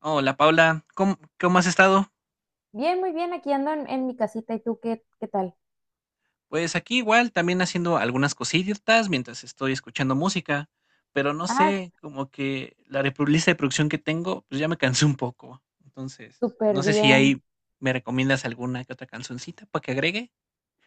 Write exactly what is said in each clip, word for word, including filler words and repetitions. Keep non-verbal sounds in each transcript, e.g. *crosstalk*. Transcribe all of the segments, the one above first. Hola Paula, ¿cómo, cómo has estado? Bien, muy bien, aquí ando en, en mi casita. ¿Y tú qué, qué tal? Pues aquí igual, también haciendo algunas cositas mientras estoy escuchando música, pero no Ah, sé, como que la repro- lista de producción que tengo, pues ya me cansé un poco. Entonces, súper no sé si bien. ahí me recomiendas alguna que otra cancioncita para que agregue.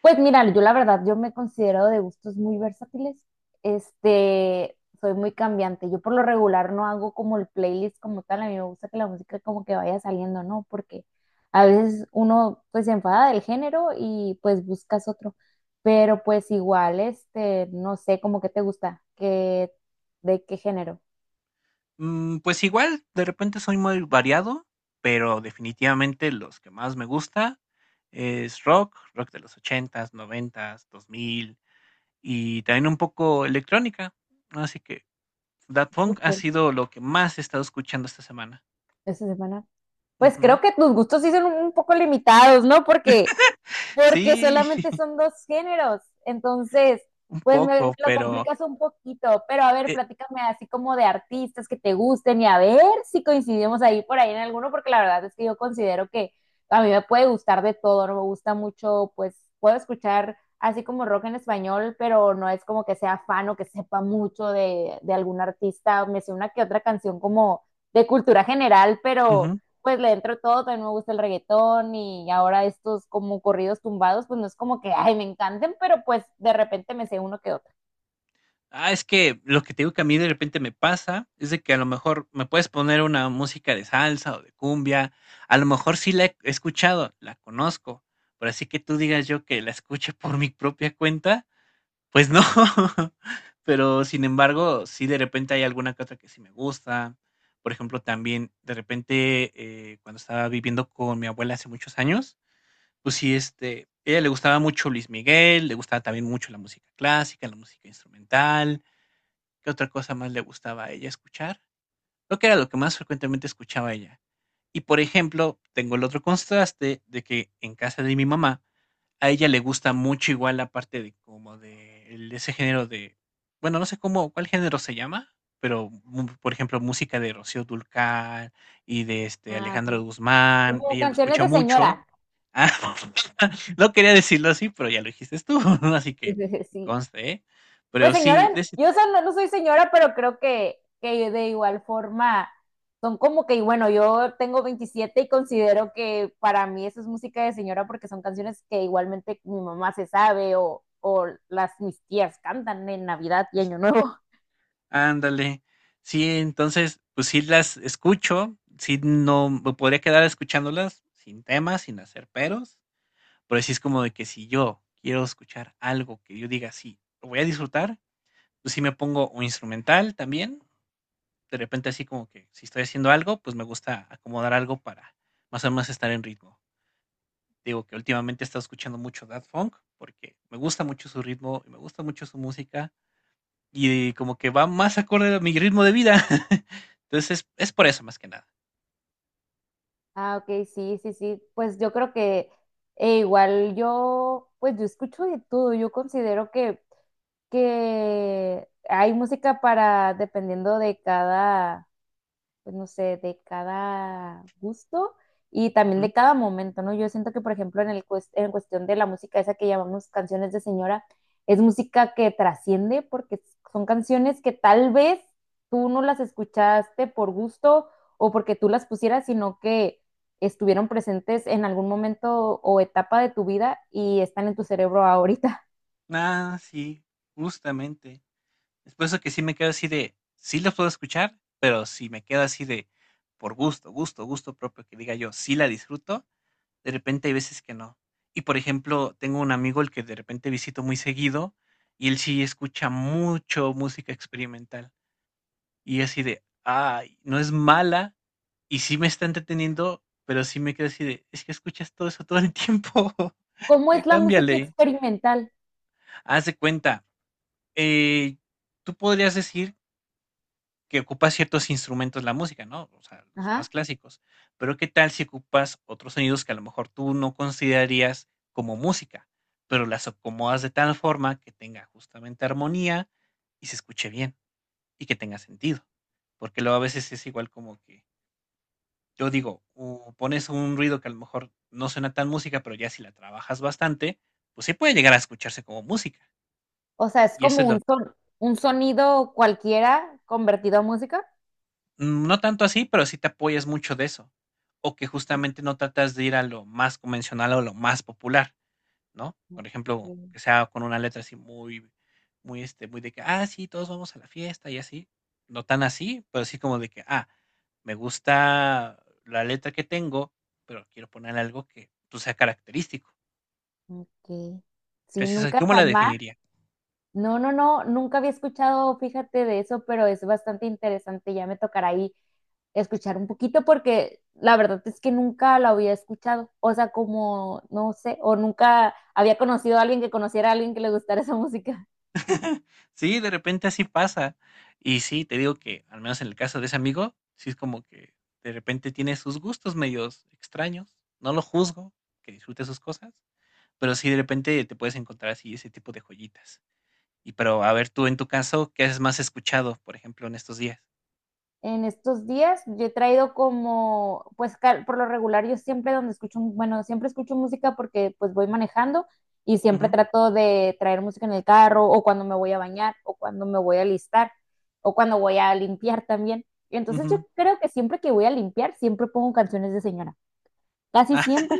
Pues mira, yo la verdad, yo me considero de gustos muy versátiles. Este, soy muy cambiante. Yo por lo regular no hago como el playlist como tal. A mí me gusta que la música como que vaya saliendo, ¿no? Porque a veces uno pues se enfada del género y pues buscas otro. Pero pues igual, este, no sé, como que te gusta, que, de qué género. Mm, pues igual, de repente soy muy variado, pero definitivamente los que más me gusta es rock, rock de los ochentas, noventas, dos mil y también un poco electrónica. Así que Daft Punk ha Súper. sido lo que más he estado escuchando esta semana. Esa semana. Pues Ujú. creo que tus gustos sí son un poco limitados, ¿no? Porque, porque Sí, solamente *laughs* son dos géneros. Entonces, un pues me, me poco, lo pero, complicas un poquito. Pero a ver, eh, platícame así como de artistas que te gusten y a ver si coincidimos ahí por ahí en alguno, porque la verdad es que yo considero que a mí me puede gustar de todo, no me gusta mucho, pues puedo escuchar así como rock en español, pero no es como que sea fan o que sepa mucho de, de algún artista. Me sé una que otra canción como de cultura general, pero ujú. pues le entro todo, también me gusta el reggaetón y ahora estos como corridos tumbados, pues no es como que, ay, me encanten, pero pues de repente me sé uno que otro. Ah, es que lo que te digo que a mí de repente me pasa es de que a lo mejor me puedes poner una música de salsa o de cumbia, a lo mejor sí la he escuchado, la conozco, pero así que tú digas yo que la escuche *laughs* por mi propia cuenta, pues no, *laughs* pero sin embargo, sí de repente hay alguna que otra que sí me gusta. Por ejemplo, también de repente, eh, cuando estaba viviendo con mi abuela hace muchos años, pues sí, este, ella le gustaba mucho Luis Miguel, le gustaba también mucho la música clásica, la música instrumental. ¿Qué otra cosa más le gustaba a ella escuchar? Lo que era lo que más frecuentemente escuchaba ella. Y por ejemplo, tengo el otro contraste de que en casa de mi mamá, a ella le gusta mucho igual la parte de como de el ese género de bueno, no sé cómo cuál género se llama, pero, mm, por ejemplo, música de Rocío Dúrcal y de, este, Ah, Alejandro ok. Guzmán, Como ella lo canciones escucha de mucho. señora. Ah, *laughs* no *laughs* quería decirlo así, pero ya lo dijiste tú, *laughs* así que Sí. conste, ¿eh? Pues Pero sí, señora, de ese yo o sea, no, no soy señora, pero creo que, que de igual forma son como que, y bueno, yo tengo veintisiete y considero que para mí eso es música de señora porque son canciones que igualmente mi mamá se sabe o, o las mis tías cantan en Navidad y Año Nuevo. ándale. Sí, entonces, pues sí las escucho, sí no me podría quedar escuchándolas sin temas sin hacer peros. Pero sí es como de que si yo quiero escuchar algo que yo diga, sí, lo voy a disfrutar, pues sí me pongo un instrumental también. De repente así como que si estoy haciendo algo, pues me gusta acomodar algo para más o menos estar en ritmo. Digo que últimamente he estado escuchando mucho Daft Funk porque me gusta mucho su ritmo y me gusta mucho su música y como que va más acorde a mi ritmo de vida. *laughs* Entonces es, por eso más que nada. Ah, ok, sí, sí, sí. Pues yo creo que eh, igual yo, pues yo escucho de todo. Yo considero que, que hay música para, dependiendo de cada pues no sé, de cada gusto y también Ujú. de cada momento, ¿no? Yo siento que, por ejemplo, en, el cues- en cuestión de la música esa que llamamos canciones de señora, es música que trasciende porque son canciones que tal vez tú no las escuchaste por gusto o porque tú las pusieras, sino que estuvieron presentes en algún momento o etapa de tu vida y están en tu cerebro ahorita. Ah, sí, justamente. Es por eso que sí me quedo así de, sí los puedo escuchar, pero si me quedo así de, por gusto, gusto, gusto propio, que diga yo, sí la disfruto, de repente hay veces que no. Y por ejemplo, tengo un amigo el que de repente visito muy seguido y él sí escucha mucho música experimental. Y así de, ay, no es mala y sí me está entreteniendo, pero sí me quedo así de, es que escuchas todo eso todo el tiempo, *laughs* ¿Cómo ya es la música cámbiale. experimental? Haz de cuenta, eh, tú podrías decir que ocupa ciertos instrumentos la música, ¿no? O sea, los más Ajá. clásicos. Pero ¿qué tal si ocupas otros sonidos que a lo mejor tú no considerarías como música, pero las acomodas de tal forma que tenga justamente armonía y se escuche bien y que tenga sentido? Porque luego a veces es igual como que yo digo, uh, pones un ruido que a lo mejor no suena tan música, pero ya si la trabajas bastante, pues sí puede llegar a escucharse como música. O sea, es Y eso como es lo un son- un sonido cualquiera convertido a música. mm, no tanto así, pero sí te apoyas mucho de eso. O que justamente no tratas de ir a lo más convencional o lo más popular, ¿no? Por ejemplo, Mm, que sea con una letra así muy, muy, este, muy de que, ah, sí, todos vamos a la fiesta y así. No tan así, pero sí como de que, ah, me gusta la letra que tengo, pero quiero poner algo que pues, sea característico. Ok. Sí, Gracias a nunca ¿cómo la jamás. definiría? No, no, no, nunca había escuchado, fíjate de eso, pero es bastante interesante. Ya me tocará ahí escuchar un poquito porque la verdad es que nunca lo había escuchado. O sea, como, no sé, o nunca había conocido a alguien que conociera a alguien que le gustara esa música. Sí, de repente así pasa. Y sí, te digo que, al menos en el caso de ese amigo, sí es como que de repente tiene sus gustos medios extraños. No lo juzgo, que disfrute sus cosas, pero sí de repente te puedes encontrar así ese tipo de joyitas. Y pero a ver, tú en tu caso, ¿qué haces más escuchado, por ejemplo, en estos días? En estos días yo he traído como, pues por lo regular yo siempre donde escucho, bueno, siempre escucho música porque pues voy manejando y siempre Ujú, trato de traer música en el carro o cuando me voy a bañar o cuando me voy a alistar o cuando voy a limpiar también. Entonces yo ujú. creo que siempre que voy a limpiar siempre pongo canciones de señora. Casi Ah, *laughs* siempre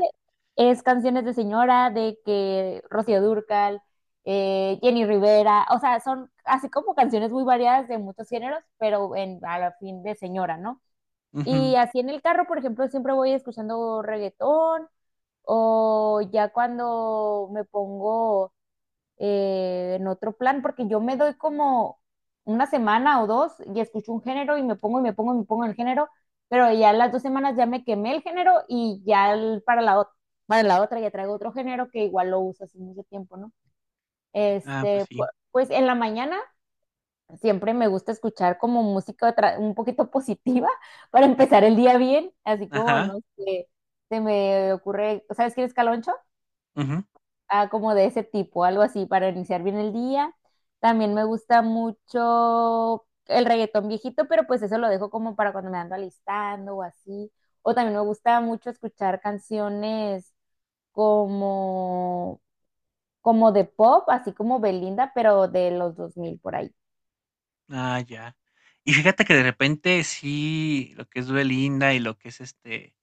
es canciones de señora, de que Rocío Dúrcal, eh, Jenny Rivera, o sea, son así como canciones muy variadas de muchos géneros, pero en, a la fin de señora, ¿no? ujú. Y así en el carro, por ejemplo, siempre voy escuchando reggaetón o ya cuando me pongo eh, en otro plan, porque yo me doy como una semana o dos y escucho un género y me pongo y me pongo y me pongo en el género, pero ya las dos semanas ya me quemé el género y ya el- para la, otra para la otra ya traigo otro género que igual lo uso hace mucho tiempo, ¿no? Ah, pues Este, pu- sí. pues en la mañana siempre me gusta escuchar como música tra- un poquito positiva *laughs* para empezar el día bien, así como, Ajá. no sé, se me ocurre, ¿sabes quién es Caloncho? Ujú. Ah, como de ese tipo, algo así, para iniciar bien el día. También me gusta mucho el reggaetón viejito, pero pues eso lo dejo como para cuando me ando alistando o así. O también me gusta mucho escuchar canciones como, como de pop, así como Belinda, pero de los dos mil por ahí. Ah, ya. Y fíjate que de repente sí, lo que es Belinda y lo que es, este,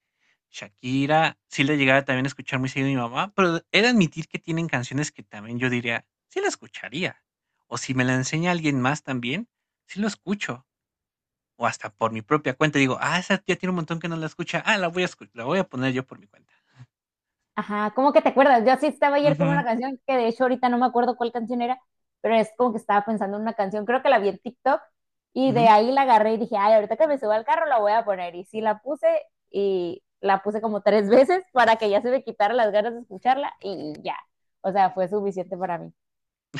Shakira, sí le llegaba también a escuchar muy seguido a mi mamá, pero he de admitir que tienen canciones que también yo diría, sí la escucharía, o si me la enseña alguien más también, sí lo escucho, o hasta por mi propia cuenta digo: "Ah, esa tía tiene un montón que no la escucha, ah, la voy a escu la voy a poner yo por mi cuenta". Ajá, ¿cómo que te acuerdas? Yo así estaba ayer con una Ujú, canción que de hecho ahorita no me acuerdo cuál canción era, pero es como que estaba pensando en una canción, creo que la vi en TikTok y de ujú. ahí la agarré y dije, ay, ahorita que me suba al carro la voy a poner. Y sí la puse y la puse como tres *laughs* veces para que ya se me quitaran las ganas de escucharla y ya, o sea, fue suficiente para mí.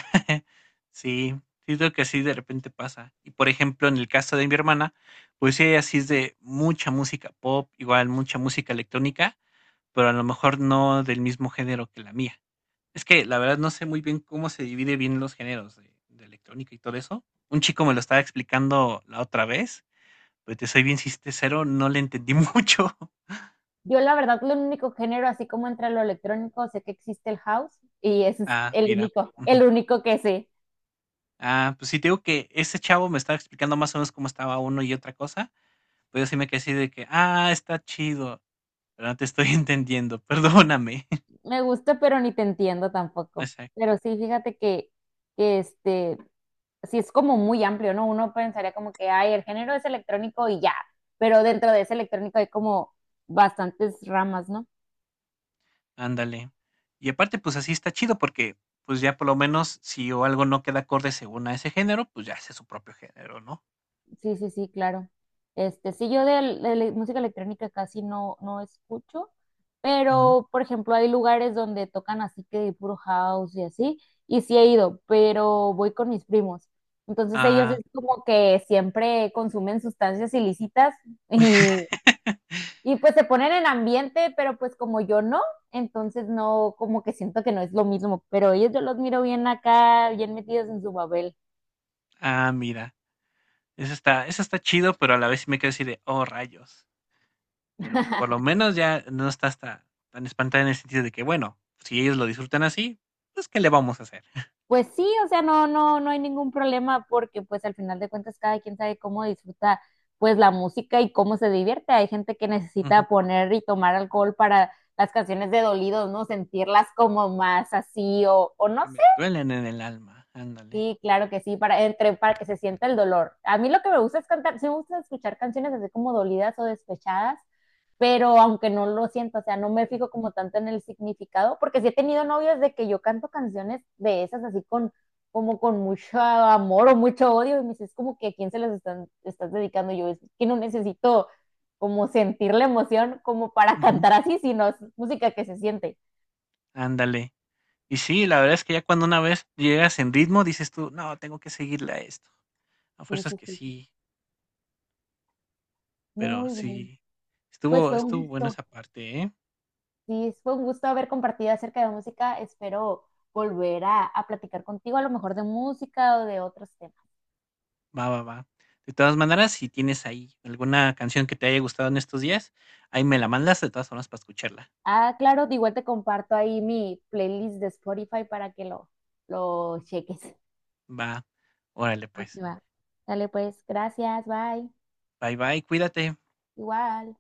*laughs* Sí, siento que así de repente pasa. Y por ejemplo, en el caso de mi hermana, pues sí, ella sí es de mucha música pop, igual mucha música electrónica, pero a lo mejor no del mismo género que la mía. Es que la verdad no sé muy bien cómo se divide bien los géneros de, de electrónica y todo eso. Un chico me lo estaba explicando la otra vez, pero te soy bien sincero, no le entendí *laughs* mucho. Yo la verdad, lo único género, así como entre lo electrónico, sé que existe el house y ese es Ah, el mira. único, Ujú. el único que sé. Ah, pues sí, te digo que ese chavo me estaba explicando más o menos cómo estaba uno y otra cosa. Pero sí me quedé así de que, ah, está chido, pero no te estoy *laughs* entendiendo, perdóname. *laughs* Me gusta, pero ni te entiendo tampoco. Exacto, Pero sí, fíjate que, que este, sí es como muy amplio, ¿no? Uno pensaría como que, ay, el género es electrónico y ya, pero dentro de ese electrónico hay como bastantes ramas, ¿no? ándale. Y aparte, pues así está chido porque, pues ya por lo menos si o algo no queda acorde según a ese género, pues ya hace su propio género, ¿no? Sí, sí, sí, claro. Este, sí, yo de, de le- música electrónica casi no, no escucho, Ujú. pero por ejemplo hay lugares donde tocan así que puro house y así, y sí he ido, pero voy con mis primos. Entonces ellos Ah, es como que siempre consumen sustancias ilícitas y, y pues se ponen en ambiente, pero pues como yo no, entonces no, como que siento que no es lo mismo, pero ellos yo los miro bien acá, bien metidos en su babel. ah, mira, eso está, eso está chido, pero a la vez sí me quedo así de, oh, rayos. Pero por lo menos ya no está hasta tan espantada en el sentido de que, bueno, si ellos lo disfrutan así, pues ¿qué le vamos a hacer? *laughs* Pues sí, o sea, no, no, no hay ningún problema porque pues al final de cuentas cada quien sabe cómo disfruta pues la música y cómo se divierte. Hay gente que Ujú. necesita poner y tomar alcohol para las canciones de dolidos, ¿no? Sentirlas como más así o, o no Que sé. me duelen en el alma, ándale. Sí, claro que sí, para, entre, para que se sienta el dolor. A mí lo que me gusta es cantar, sí me gusta escuchar canciones así como dolidas o despechadas, pero aunque no lo siento, o sea, no me fijo como tanto en el significado, porque sí he tenido novias de que yo canto canciones de esas así con, como con mucho amor o mucho odio, y me dices como que a quién se las están, estás dedicando yo, es que no necesito como sentir la emoción como para Ujú. cantar así, sino es música que se siente. Ándale. Y sí, la verdad es que ya cuando una vez llegas en ritmo, dices tú: "No, tengo que seguirle a esto". A Sí, fuerzas sí, que sí, sí, sí, pero muy bien. sí, Pues estuvo fue un estuvo bueno gusto. esa parte, ¿eh? Sí, fue un gusto haber compartido acerca de música. Espero volver a, a platicar contigo, a lo mejor de música o de otros temas. Va, va, va. De todas maneras, si tienes ahí alguna canción que te haya gustado en estos días, ahí me la mandas de todas formas para escucharla. Ah, claro, de igual te comparto ahí mi playlist de Spotify para que lo, lo cheques. Va. Órale, Ok, pues. va. Dale pues, gracias, bye. Bye, bye, cuídate. Igual.